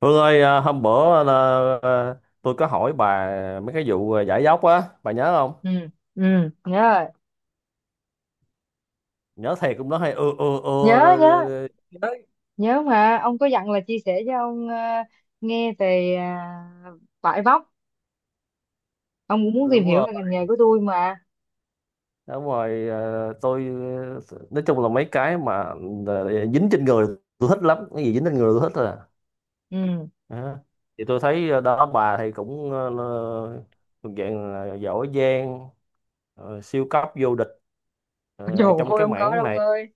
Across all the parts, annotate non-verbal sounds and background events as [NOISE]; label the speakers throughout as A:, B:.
A: Hương ơi, hôm bữa là, à, tôi có hỏi bà mấy cái vụ, giải dốc á, bà nhớ không?
B: Ừ, ừ, nhớ rồi.
A: Nhớ thiệt cũng nói hay, ừ,
B: nhớ
A: rồi,
B: nhớ
A: rồi, rồi.
B: Nhớ mà ông có dặn là chia sẻ cho ông nghe về vải vóc. Ông cũng muốn tìm
A: Đúng
B: hiểu
A: rồi.
B: về ngành nghề của tôi mà.
A: Đúng rồi, tôi, nói chung là mấy cái mà dính trên người tôi thích lắm, cái gì dính trên người tôi thích à.
B: Ừ.
A: Đó. Thì tôi thấy, đó bà thì cũng, thuộc dạng là giỏi giang, siêu cấp vô địch
B: [LAUGHS] Trời ơi,
A: trong cái
B: không có đâu
A: mảng
B: ông
A: này,
B: ơi,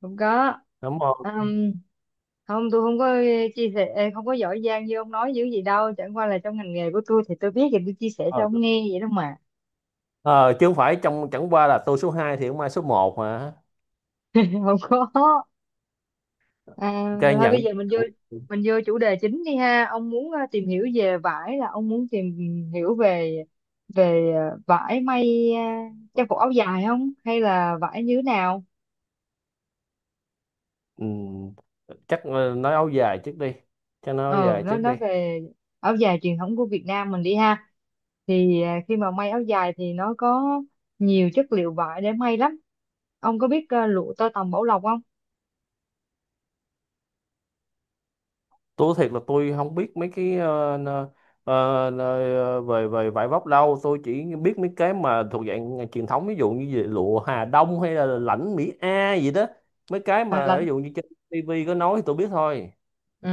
B: không có.
A: đúng không?
B: Ừm, Không, tôi không có chia sẻ, không có giỏi giang như ông nói dữ gì đâu, chẳng qua là trong ngành nghề của tôi thì tôi biết thì tôi chia sẻ cho
A: Ờ.
B: ông nghe vậy đó mà.
A: Ờ, chứ không phải trong, chẳng qua là tôi số 2 thì không ai số một mà.
B: [LAUGHS] Không có. À,
A: cái
B: Thôi
A: nhận,
B: bây giờ mình vô
A: nhận
B: chủ đề chính đi ha. Ông muốn tìm hiểu về vải, là ông muốn tìm hiểu về về ờ, vải may trang phục áo dài, không, hay là vải như thế nào?
A: ừm, Chắc nói áo dài trước đi, chắc nói áo
B: Ừ,
A: dài
B: nó
A: trước
B: nói
A: đi.
B: về áo dài truyền thống của Việt Nam mình đi ha. Thì khi mà may áo dài thì nó có nhiều chất liệu vải để may lắm. Ông có biết lụa tơ tằm Bảo Lộc không?
A: Tôi thiệt là tôi không biết mấy cái ờ, về về vải vóc đâu, tôi chỉ biết mấy cái mà thuộc dạng truyền thống, ví dụ như về lụa Hà Đông hay là lãnh Mỹ A gì đó. Mấy cái
B: À,
A: mà ví
B: là
A: dụ như trên tivi có nói thì tôi biết thôi.
B: ừ.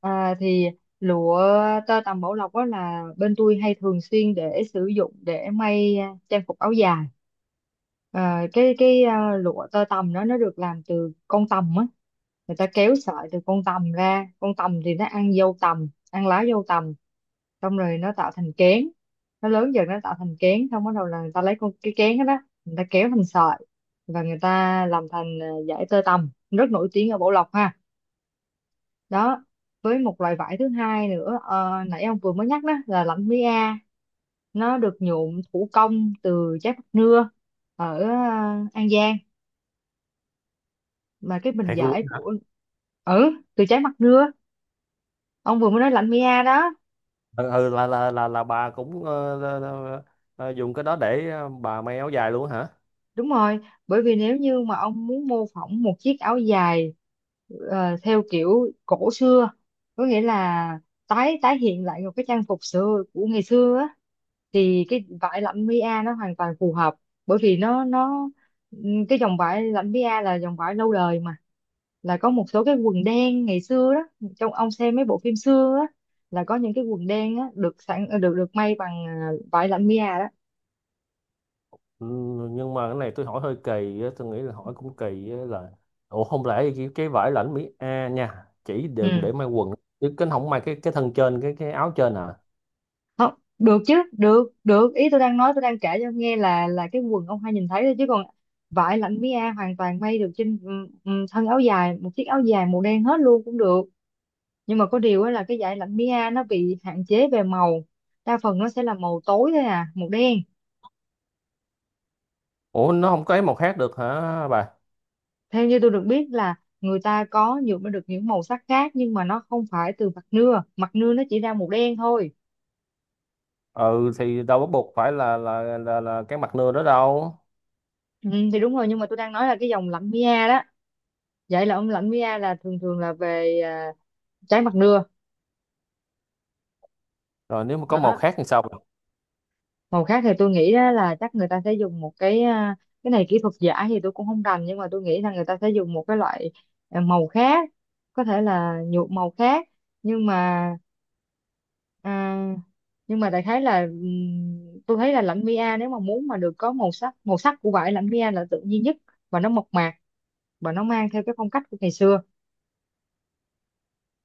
B: Thì lụa tơ tằm Bảo Lộc đó là bên tôi hay thường xuyên để sử dụng để may trang phục áo dài. Lụa tơ tằm đó nó được làm từ con tằm á, người ta kéo sợi từ con tằm ra, con tằm thì nó ăn dâu tằm, ăn lá dâu tằm, xong rồi nó tạo thành kén, nó lớn dần nó tạo thành kén, xong bắt đầu là người ta lấy con cái kén đó. Người ta kéo thành sợi và người ta làm thành dải tơ tằm rất nổi tiếng ở Bảo Lộc ha. Đó. Với một loại vải thứ hai nữa, nãy ông vừa mới nhắc đó, là lạnh mía A, nó được nhuộm thủ công từ trái bắp nưa ở An Giang, mà cái bình
A: Thiệt luôn.
B: vải của... Ừ, từ trái mặt nưa, ông vừa mới nói lạnh mía đó.
A: Ừ, ừ, là bà cũng là dùng cái đó để, bà may áo dài luôn hả?
B: Đúng rồi, bởi vì nếu như mà ông muốn mô phỏng một chiếc áo dài theo kiểu cổ xưa, có nghĩa là tái tái hiện lại một cái trang phục xưa của ngày xưa á, thì cái vải lẫm Mỹ a nó hoàn toàn phù hợp, bởi vì ừ, cái dòng vải lẫm Mỹ a là dòng vải lâu đời mà, là có một số cái quần đen ngày xưa đó, trong ông xem mấy bộ phim xưa á, là có những cái quần đen á được sẵn được được may bằng vải lạnh a đó.
A: Ừ, nhưng mà cái này tôi hỏi hơi kỳ á, tôi nghĩ là hỏi cũng kỳ á là, ủa không lẽ cái vải lãnh Mỹ A nha chỉ được để
B: ừ
A: may quần, chứ cái không may cái thân trên cái áo trên à?
B: Không, được chứ, được, ý tôi đang nói, tôi đang kể cho nghe là cái quần ông hay nhìn thấy thôi chứ còn vải lạnh mia hoàn toàn may được trên thân áo dài, một chiếc áo dài màu đen hết luôn cũng được. Nhưng mà có điều á là cái dải lạnh Mia nó bị hạn chế về màu, đa phần nó sẽ là màu tối thôi, màu đen.
A: Ủa nó không có ấy màu khác được hả bà?
B: Theo như tôi được biết là người ta có nhuộm được những màu sắc khác, nhưng mà nó không phải từ mặt nưa, mặt nưa nó chỉ ra màu đen thôi.
A: Ừ thì đâu bắt buộc phải là cái mặt nưa đó đâu.
B: Ừ, thì đúng rồi, nhưng mà tôi đang nói là cái dòng lạnh Mia đó. Vậy là ông, lạnh Mia là thường thường là về trái mặt nưa.
A: Rồi nếu mà có màu
B: Đó.
A: khác thì sao bà?
B: Màu khác thì tôi nghĩ đó là chắc người ta sẽ dùng một cái, cái này kỹ thuật giả thì tôi cũng không rành, nhưng mà tôi nghĩ là người ta sẽ dùng một cái loại màu khác, có thể là nhuộm màu khác, nhưng mà à, nhưng mà đại khái là, tôi thấy là lãnh Mia nếu mà muốn mà được có màu sắc, màu sắc của vải lãnh Mia là tự nhiên nhất, và nó mộc mạc, và nó mang theo cái phong cách của ngày xưa.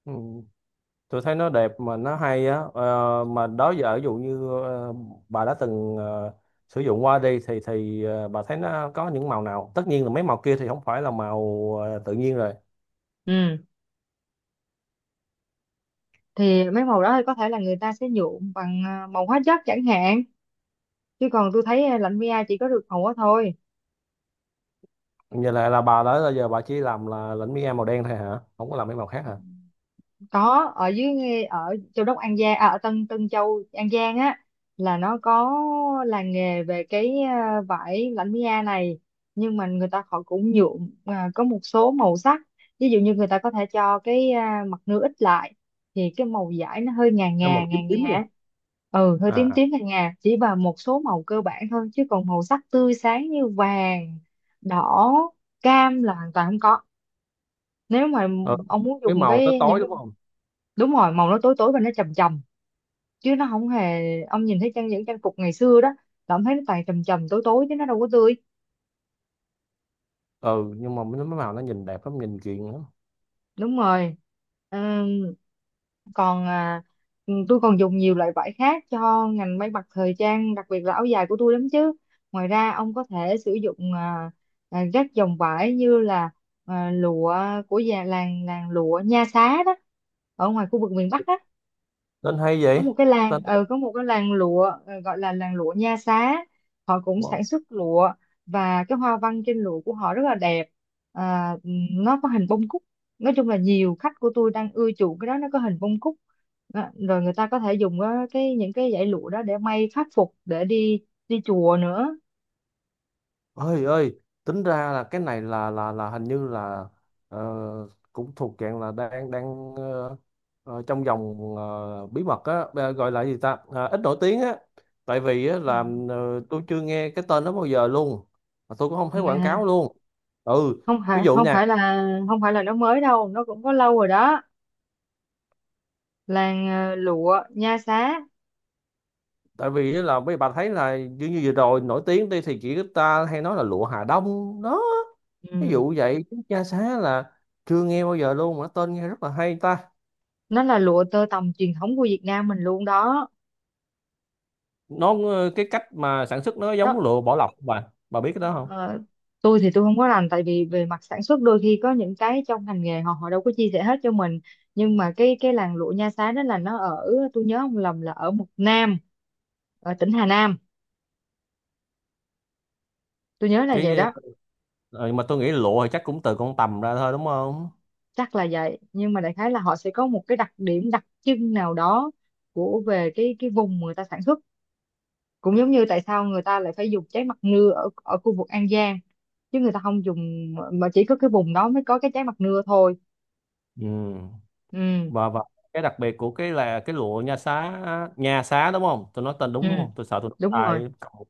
A: Ừ. Tôi thấy nó đẹp mà nó hay á. Ờ, mà đó giờ ví dụ như, bà đã từng, sử dụng qua đi thì bà thấy nó có những màu nào, tất nhiên là mấy màu kia thì không phải là màu tự nhiên rồi.
B: Ừ. Thì mấy màu đó thì có thể là người ta sẽ nhuộm bằng màu hóa chất chẳng hạn, chứ còn tôi thấy lãnh Mia chỉ có được màu đó thôi.
A: Như là bà đó là giờ bà chỉ làm là lĩnh mi màu đen thôi hả, không có làm mấy màu khác hả?
B: Có, ở dưới ở Châu Đốc An Giang, ở Tân Tân Châu An Giang á, là nó có làng nghề về cái vải lãnh mi a này. Nhưng mà người ta họ cũng nhuộm có một số màu sắc, ví dụ như người ta có thể cho cái mặt nưa ít lại thì cái màu vải nó hơi ngà
A: Nó
B: ngà
A: màu tím tím luôn.
B: á. Ừ, hơi
A: À
B: tím
A: à.
B: tím ngà ngà, chỉ vào một số màu cơ bản thôi, chứ còn màu sắc tươi sáng như vàng, đỏ, cam là hoàn toàn không có. Nếu mà
A: Ừ.
B: ông muốn
A: Mấy
B: dùng
A: màu tới
B: cái những
A: tối
B: cái...
A: đúng không?
B: Đúng rồi, màu nó tối tối và nó trầm trầm, chứ nó không hề. Ông nhìn thấy trang những trang phục ngày xưa đó là ông thấy nó toàn trầm trầm tối tối chứ nó đâu có tươi.
A: Ừ nhưng mà mấy mấy màu nó nhìn đẹp lắm, nhìn chuyện lắm.
B: Đúng rồi. Ừm, Còn tôi còn dùng nhiều loại vải khác cho ngành may mặc thời trang, đặc biệt là áo dài của tôi lắm chứ. Ngoài ra ông có thể sử dụng các dòng vải như là lụa của già làng, làng lụa Nha Xá đó, ở ngoài khu vực miền Bắc đó.
A: Tên hay
B: Có
A: vậy.
B: một cái làng,
A: Tên đẹp
B: có một cái làng lụa gọi là làng lụa Nha Xá. Họ cũng
A: quá.
B: sản xuất lụa, và cái hoa văn trên lụa của họ rất là đẹp. à, nó có hình bông cúc, nói chung là nhiều khách của tôi đang ưa chuộng cái đó, nó có hình bông cúc đó. Rồi người ta có thể dùng cái những cái dải lụa đó để may pháp phục để đi đi chùa nữa.
A: Ơi ơi tính ra là cái này là hình như là, ờ, cũng thuộc dạng là đang đang ờ, ờ, trong vòng, bí mật á, gọi là gì ta. Ờ, ít nổi tiếng á, tại vì á là, tôi chưa nghe cái tên đó bao giờ luôn, mà tôi cũng không thấy quảng cáo
B: Nè.
A: luôn. Ừ.
B: Không
A: Ví
B: phải,
A: dụ
B: không
A: nha,
B: phải là không phải là nó mới đâu, nó cũng có lâu rồi đó, làng lụa Nha Xá.
A: tại vì á là mấy bà thấy là như như vừa rồi nổi tiếng đi thì chỉ ta hay nói là lụa Hà Đông đó. Ví
B: Ừ.
A: dụ vậy chứ cha xá là chưa nghe bao giờ luôn, mà tên nghe rất là hay ta.
B: Nó là lụa tơ tằm truyền thống của Việt Nam mình luôn đó.
A: Nó cái cách mà sản xuất nó giống
B: Đó.
A: lụa bỏ lọc bà biết cái đó không?
B: ờ, tôi thì tôi không có rành, tại vì về mặt sản xuất đôi khi có những cái trong ngành nghề họ họ đâu có chia sẻ hết cho mình. Nhưng mà cái làng lụa Nha Xá đó là nó ở, tôi nhớ không lầm là ở một Nam, ở tỉnh Hà Nam, tôi nhớ là vậy
A: Cái
B: đó.
A: mà tôi nghĩ lụa thì chắc cũng từ con tằm ra thôi, đúng không?
B: Chắc là vậy, nhưng mà đại khái là họ sẽ có một cái đặc điểm đặc trưng nào đó, của, về cái vùng người ta sản xuất. Cũng giống như tại sao người ta lại phải dùng trái mặt nưa ở ở khu vực An Giang, chứ người ta không dùng, mà chỉ có cái vùng đó mới có cái trái mặt nưa thôi.
A: Ừ.
B: Ừ.
A: Và cái đặc biệt của cái là cái lụa nha xá, nha xá đúng không, tôi nói tên
B: Ừ,
A: đúng đúng không, tôi sợ tôi nói
B: đúng rồi.
A: sai cộng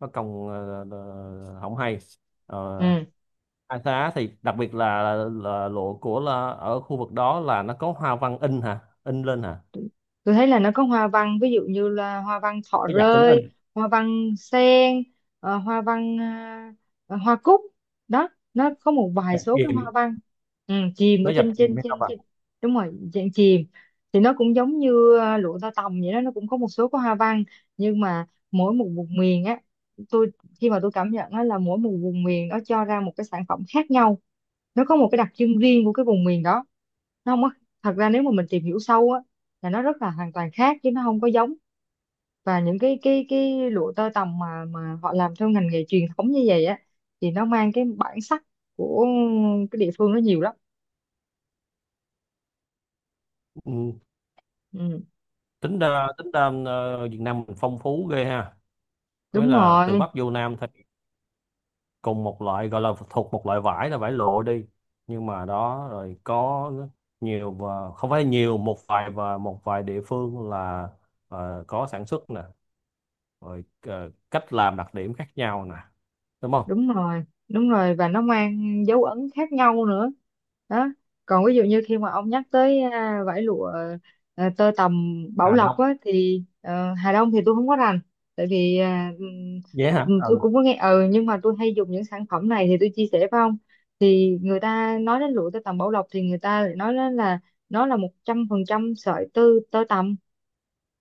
A: nó cộng, không hay. Ờ,
B: Ừ,
A: nha xá thì đặc biệt là lụa của là ở khu vực đó là nó có hoa văn in hả, in lên hả,
B: tôi thấy là nó có hoa văn, ví dụ như là hoa văn thọ
A: nó dập thì nó
B: rơi,
A: in,
B: hoa văn sen, hoa văn, hoa cúc đó, nó có một vài
A: dập
B: số cái
A: kìm,
B: hoa văn. Chìm ở
A: nó dập
B: trên,
A: kìm
B: trên
A: hay sao
B: trên
A: bà?
B: trên đúng rồi, dạng chìm. Thì nó cũng giống như lụa tơ tằm vậy đó, nó cũng có một số cái hoa văn. Nhưng mà mỗi một vùng miền á, tôi, khi mà tôi cảm nhận á, là mỗi một vùng miền nó cho ra một cái sản phẩm khác nhau, nó có một cái đặc trưng riêng của cái vùng miền đó, nó không có... Thật ra nếu mà mình tìm hiểu sâu á là nó rất là hoàn toàn khác chứ nó không có giống. Và những cái lụa tơ tằm mà họ làm theo ngành nghề truyền thống như vậy á, thì nó mang cái bản sắc của cái địa phương nó nhiều lắm.
A: Ừ,
B: ừ,
A: tính ra tính ra, Việt Nam mình phong phú ghê ha, nghĩa
B: Đúng
A: là từ
B: rồi,
A: Bắc vô Nam thì cùng một loại, gọi là thuộc một loại vải là vải lụa đi, nhưng mà đó rồi có nhiều, và không phải nhiều, một vài, và một vài địa phương là, có sản xuất nè, rồi cách làm đặc điểm khác nhau nè, đúng không?
B: đúng rồi, đúng rồi, và nó mang dấu ấn khác nhau nữa. Đó. Còn ví dụ như khi mà ông nhắc tới vải lụa tơ tằm Bảo
A: Hà
B: Lộc
A: Đông.
B: á, thì Hà Đông thì tôi không có rành, tại vì
A: Vậy hả.
B: tôi
A: Ừ.
B: cũng có nghe, ừ, nhưng mà tôi hay dùng những sản phẩm này thì tôi chia sẻ với ông. Thì người ta nói đến lụa tơ tằm Bảo Lộc thì người ta lại nói đến là nó là 100% sợi tơ, tơ tằm.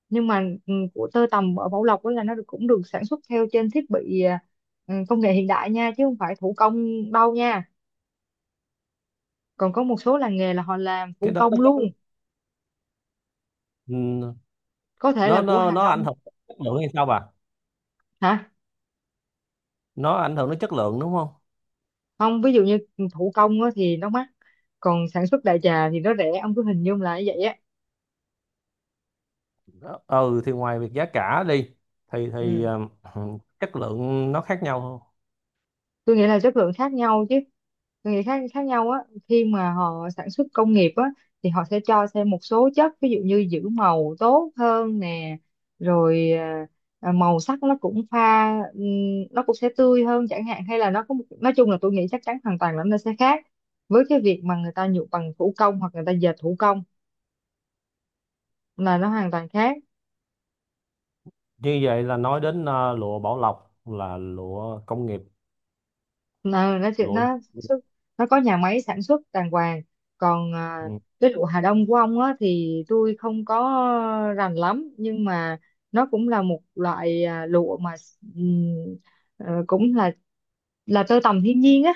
B: Nhưng mà của tơ tằm ở Bảo Lộc đó là nó được- cũng được sản xuất theo trên thiết bị, công nghệ hiện đại nha, chứ không phải thủ công đâu nha. Còn có một số làng nghề là họ làm thủ
A: Cái đó nó
B: công luôn,
A: có, ừ,
B: có thể là
A: nó
B: của
A: nó
B: Hà
A: nó ảnh
B: Đông.
A: hưởng đến chất lượng hay sao bà?
B: Hả?
A: Nó ảnh hưởng đến chất lượng đúng không?
B: Không, ví dụ như thủ công á thì nó mắc, còn sản xuất đại trà thì nó rẻ, ông cứ hình dung là như vậy á.
A: Ừ thì ngoài việc giá cả đi thì
B: Ừ,
A: [CLEARS THROAT] chất lượng nó khác nhau.
B: tôi nghĩ là chất lượng khác nhau chứ. Tôi nghĩ khác khác nhau á. Khi mà họ sản xuất công nghiệp á thì họ sẽ cho thêm một số chất, ví dụ như giữ màu tốt hơn nè, rồi màu sắc nó cũng pha, nó cũng sẽ tươi hơn chẳng hạn, hay là nó có một, nói chung là tôi nghĩ chắc chắn hoàn toàn là nó sẽ khác với cái việc mà người ta nhuộm bằng thủ công hoặc người ta dệt thủ công, là nó hoàn toàn khác.
A: Như vậy là nói đến, lụa Bảo Lộc là lụa công nghiệp. Lụa.
B: Nó sản xuất, nó có nhà máy sản xuất đàng hoàng. Còn
A: Ừ.
B: cái lụa Hà Đông của ông á thì tôi không có rành lắm, nhưng mà nó cũng là một loại lụa mà, ừm, cũng là tơ tằm thiên nhiên á,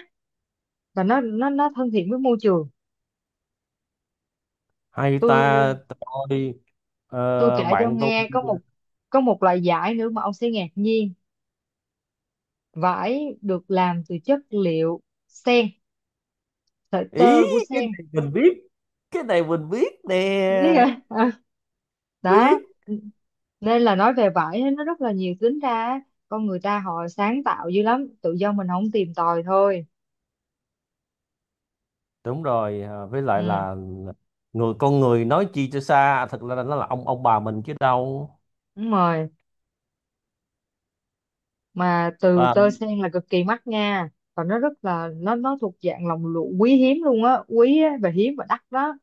B: và nó thân thiện với môi trường.
A: Hay ta.
B: tôi
A: Tôi,
B: tôi kể cho ông
A: bạn tôi.
B: nghe, có một, có một loại vải nữa mà ông sẽ ngạc nhiên, vải được làm từ chất liệu sen, sợi
A: Ý,
B: tơ của
A: cái
B: sen.
A: này mình biết, cái này mình biết nè,
B: Biết hả? [LAUGHS] Ờ, Đó.
A: biết.
B: Nên là nói về vải á, nó rất là nhiều, tính ra á, con người ta họ sáng tạo dữ lắm, tự do mình không tìm tòi thôi.
A: Đúng rồi, với lại
B: Ừ,
A: là người con người, nói chi cho xa, thật ra là nó là ông bà mình chứ đâu.
B: đúng rồi. Mà từ
A: À.
B: tơ sen là cực kỳ mắc nha, và nó rất là, nó thuộc dạng lòng lụa quý hiếm luôn á, quý á, và hiếm và đắt đó,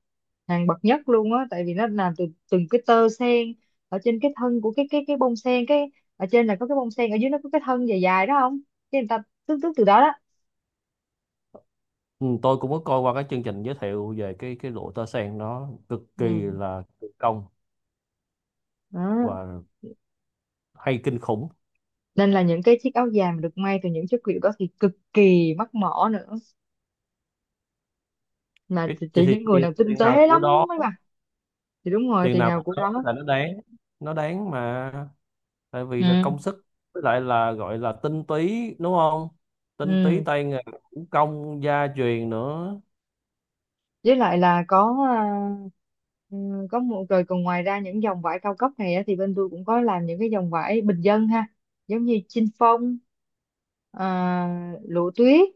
B: hàng bậc nhất luôn á, tại vì nó làm từ từng cái tơ sen ở trên cái thân của cái bông sen. Cái ở trên là có cái bông sen, ở dưới nó có cái thân dài dài đó không, cái người ta tước, tước từ đó đó.
A: Ừ, tôi cũng có coi qua cái chương trình giới thiệu về cái lụa tơ sen, nó cực kỳ
B: Ừ,
A: là kỳ công
B: đó.
A: và hay kinh khủng.
B: Nên là những cái chiếc áo dài mà được may từ những chất liệu đó thì cực kỳ mắc mỏ nữa, mà
A: Cái
B: chỉ
A: thì,
B: chỉ
A: thì
B: những người
A: tiền,
B: nào tinh
A: tiền nào
B: tế
A: của
B: lắm
A: đó,
B: mới mặc. Thì đúng rồi,
A: tiền
B: tiền
A: nào của
B: nào của
A: đó
B: đó.
A: là nó đáng, nó đáng mà, tại
B: Ừ.
A: vì là công sức, với lại là gọi là tinh túy đúng không, tinh túy
B: Ừ,
A: tay nghề, thủ công gia truyền nữa.
B: với lại là có ừ, có một, rồi còn ngoài ra những dòng vải cao cấp này á, thì bên tôi cũng có làm những cái dòng vải bình dân ha, giống như chinh phong, lụa tuyết,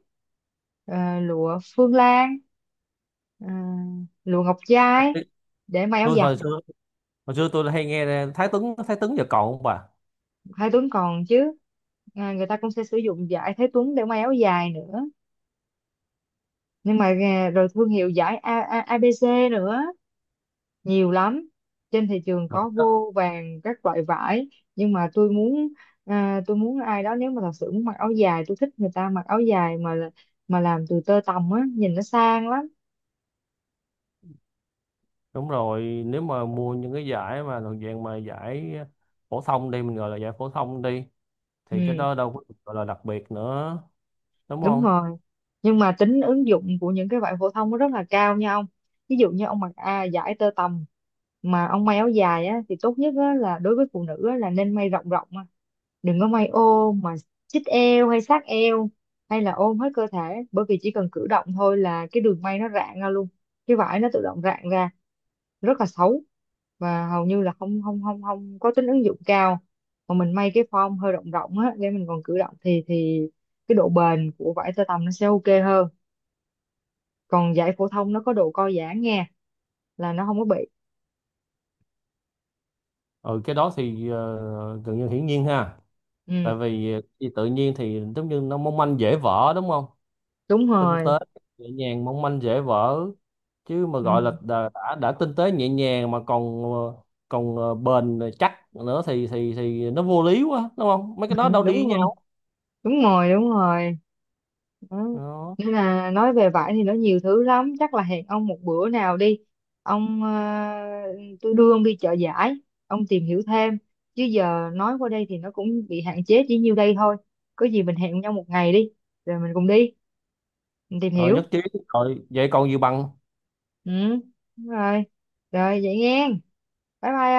B: lụa phương lan, à, lụa ngọc trai, để may áo
A: Tôi
B: dài.
A: hồi xưa, hồi xưa tôi hay nghe Thái Tuấn. Thái Tuấn giờ còn không bà?
B: Thái Tuấn còn chứ. Người ta cũng sẽ sử dụng vải Thái Tuấn để may áo dài nữa, nhưng mà rồi thương hiệu vải ABC nữa, nhiều lắm, trên thị trường
A: Mặc.
B: có vô vàn các loại vải. Nhưng mà tôi muốn, tôi muốn ai đó, nếu mà thật sự muốn mặc áo dài, tôi thích người ta mặc áo dài mà làm từ tơ tằm á, nhìn nó sang lắm.
A: Đúng rồi, nếu mà mua những cái giải mà thuộc dạng mà giải phổ thông đi, mình gọi là giải phổ thông đi, thì cái
B: Ừ.
A: đó đâu có được gọi là đặc biệt nữa, đúng
B: Đúng
A: không?
B: rồi. Nhưng mà tính ứng dụng của những cái bạn phổ thông nó rất là cao nha ông. Ví dụ như ông mặc vải tơ tằm mà ông may áo dài á, thì tốt nhất á, là đối với phụ nữ á, là nên may rộng rộng á. Đừng có may ô mà chít eo hay sát eo, hay là ôm hết cơ thể, bởi vì chỉ cần cử động thôi là cái đường may nó rạn ra luôn, cái vải nó tự động rạn ra, rất là xấu, và hầu như là không không không không có tính ứng dụng cao. Mà mình may cái form hơi rộng rộng á để mình còn cử động thì cái độ bền của vải tơ tằm nó sẽ ok hơn. Còn vải phổ thông nó có độ co giãn nha, là nó không có bị.
A: Ừ, cái đó thì gần như hiển nhiên ha.
B: Ừ,
A: Tại vì thì tự nhiên thì giống như nó mong manh dễ vỡ đúng không?
B: đúng
A: Tinh tế,
B: rồi.
A: nhẹ nhàng, mong manh dễ vỡ. Chứ mà gọi là
B: Ừ.
A: đã tinh tế nhẹ nhàng mà còn còn bền chắc nữa thì thì nó vô lý quá, đúng không? Mấy cái đó
B: [LAUGHS]
A: đâu đi với
B: Đúng rồi,
A: nhau.
B: đúng rồi. Đó.
A: Đó.
B: Nên là nói về vải thì nó nhiều thứ lắm, chắc là hẹn ông một bữa nào đi. Ông tôi đưa ông đi chợ giải, ông tìm hiểu thêm, chứ giờ nói qua đây thì nó cũng bị hạn chế chỉ nhiêu đây thôi. Có gì mình hẹn nhau một ngày đi, rồi mình cùng đi, mình tìm
A: Rồi
B: hiểu.
A: nhất trí rồi, vậy còn gì bằng
B: Ừ, đúng rồi. Rồi vậy nghe, bye bye.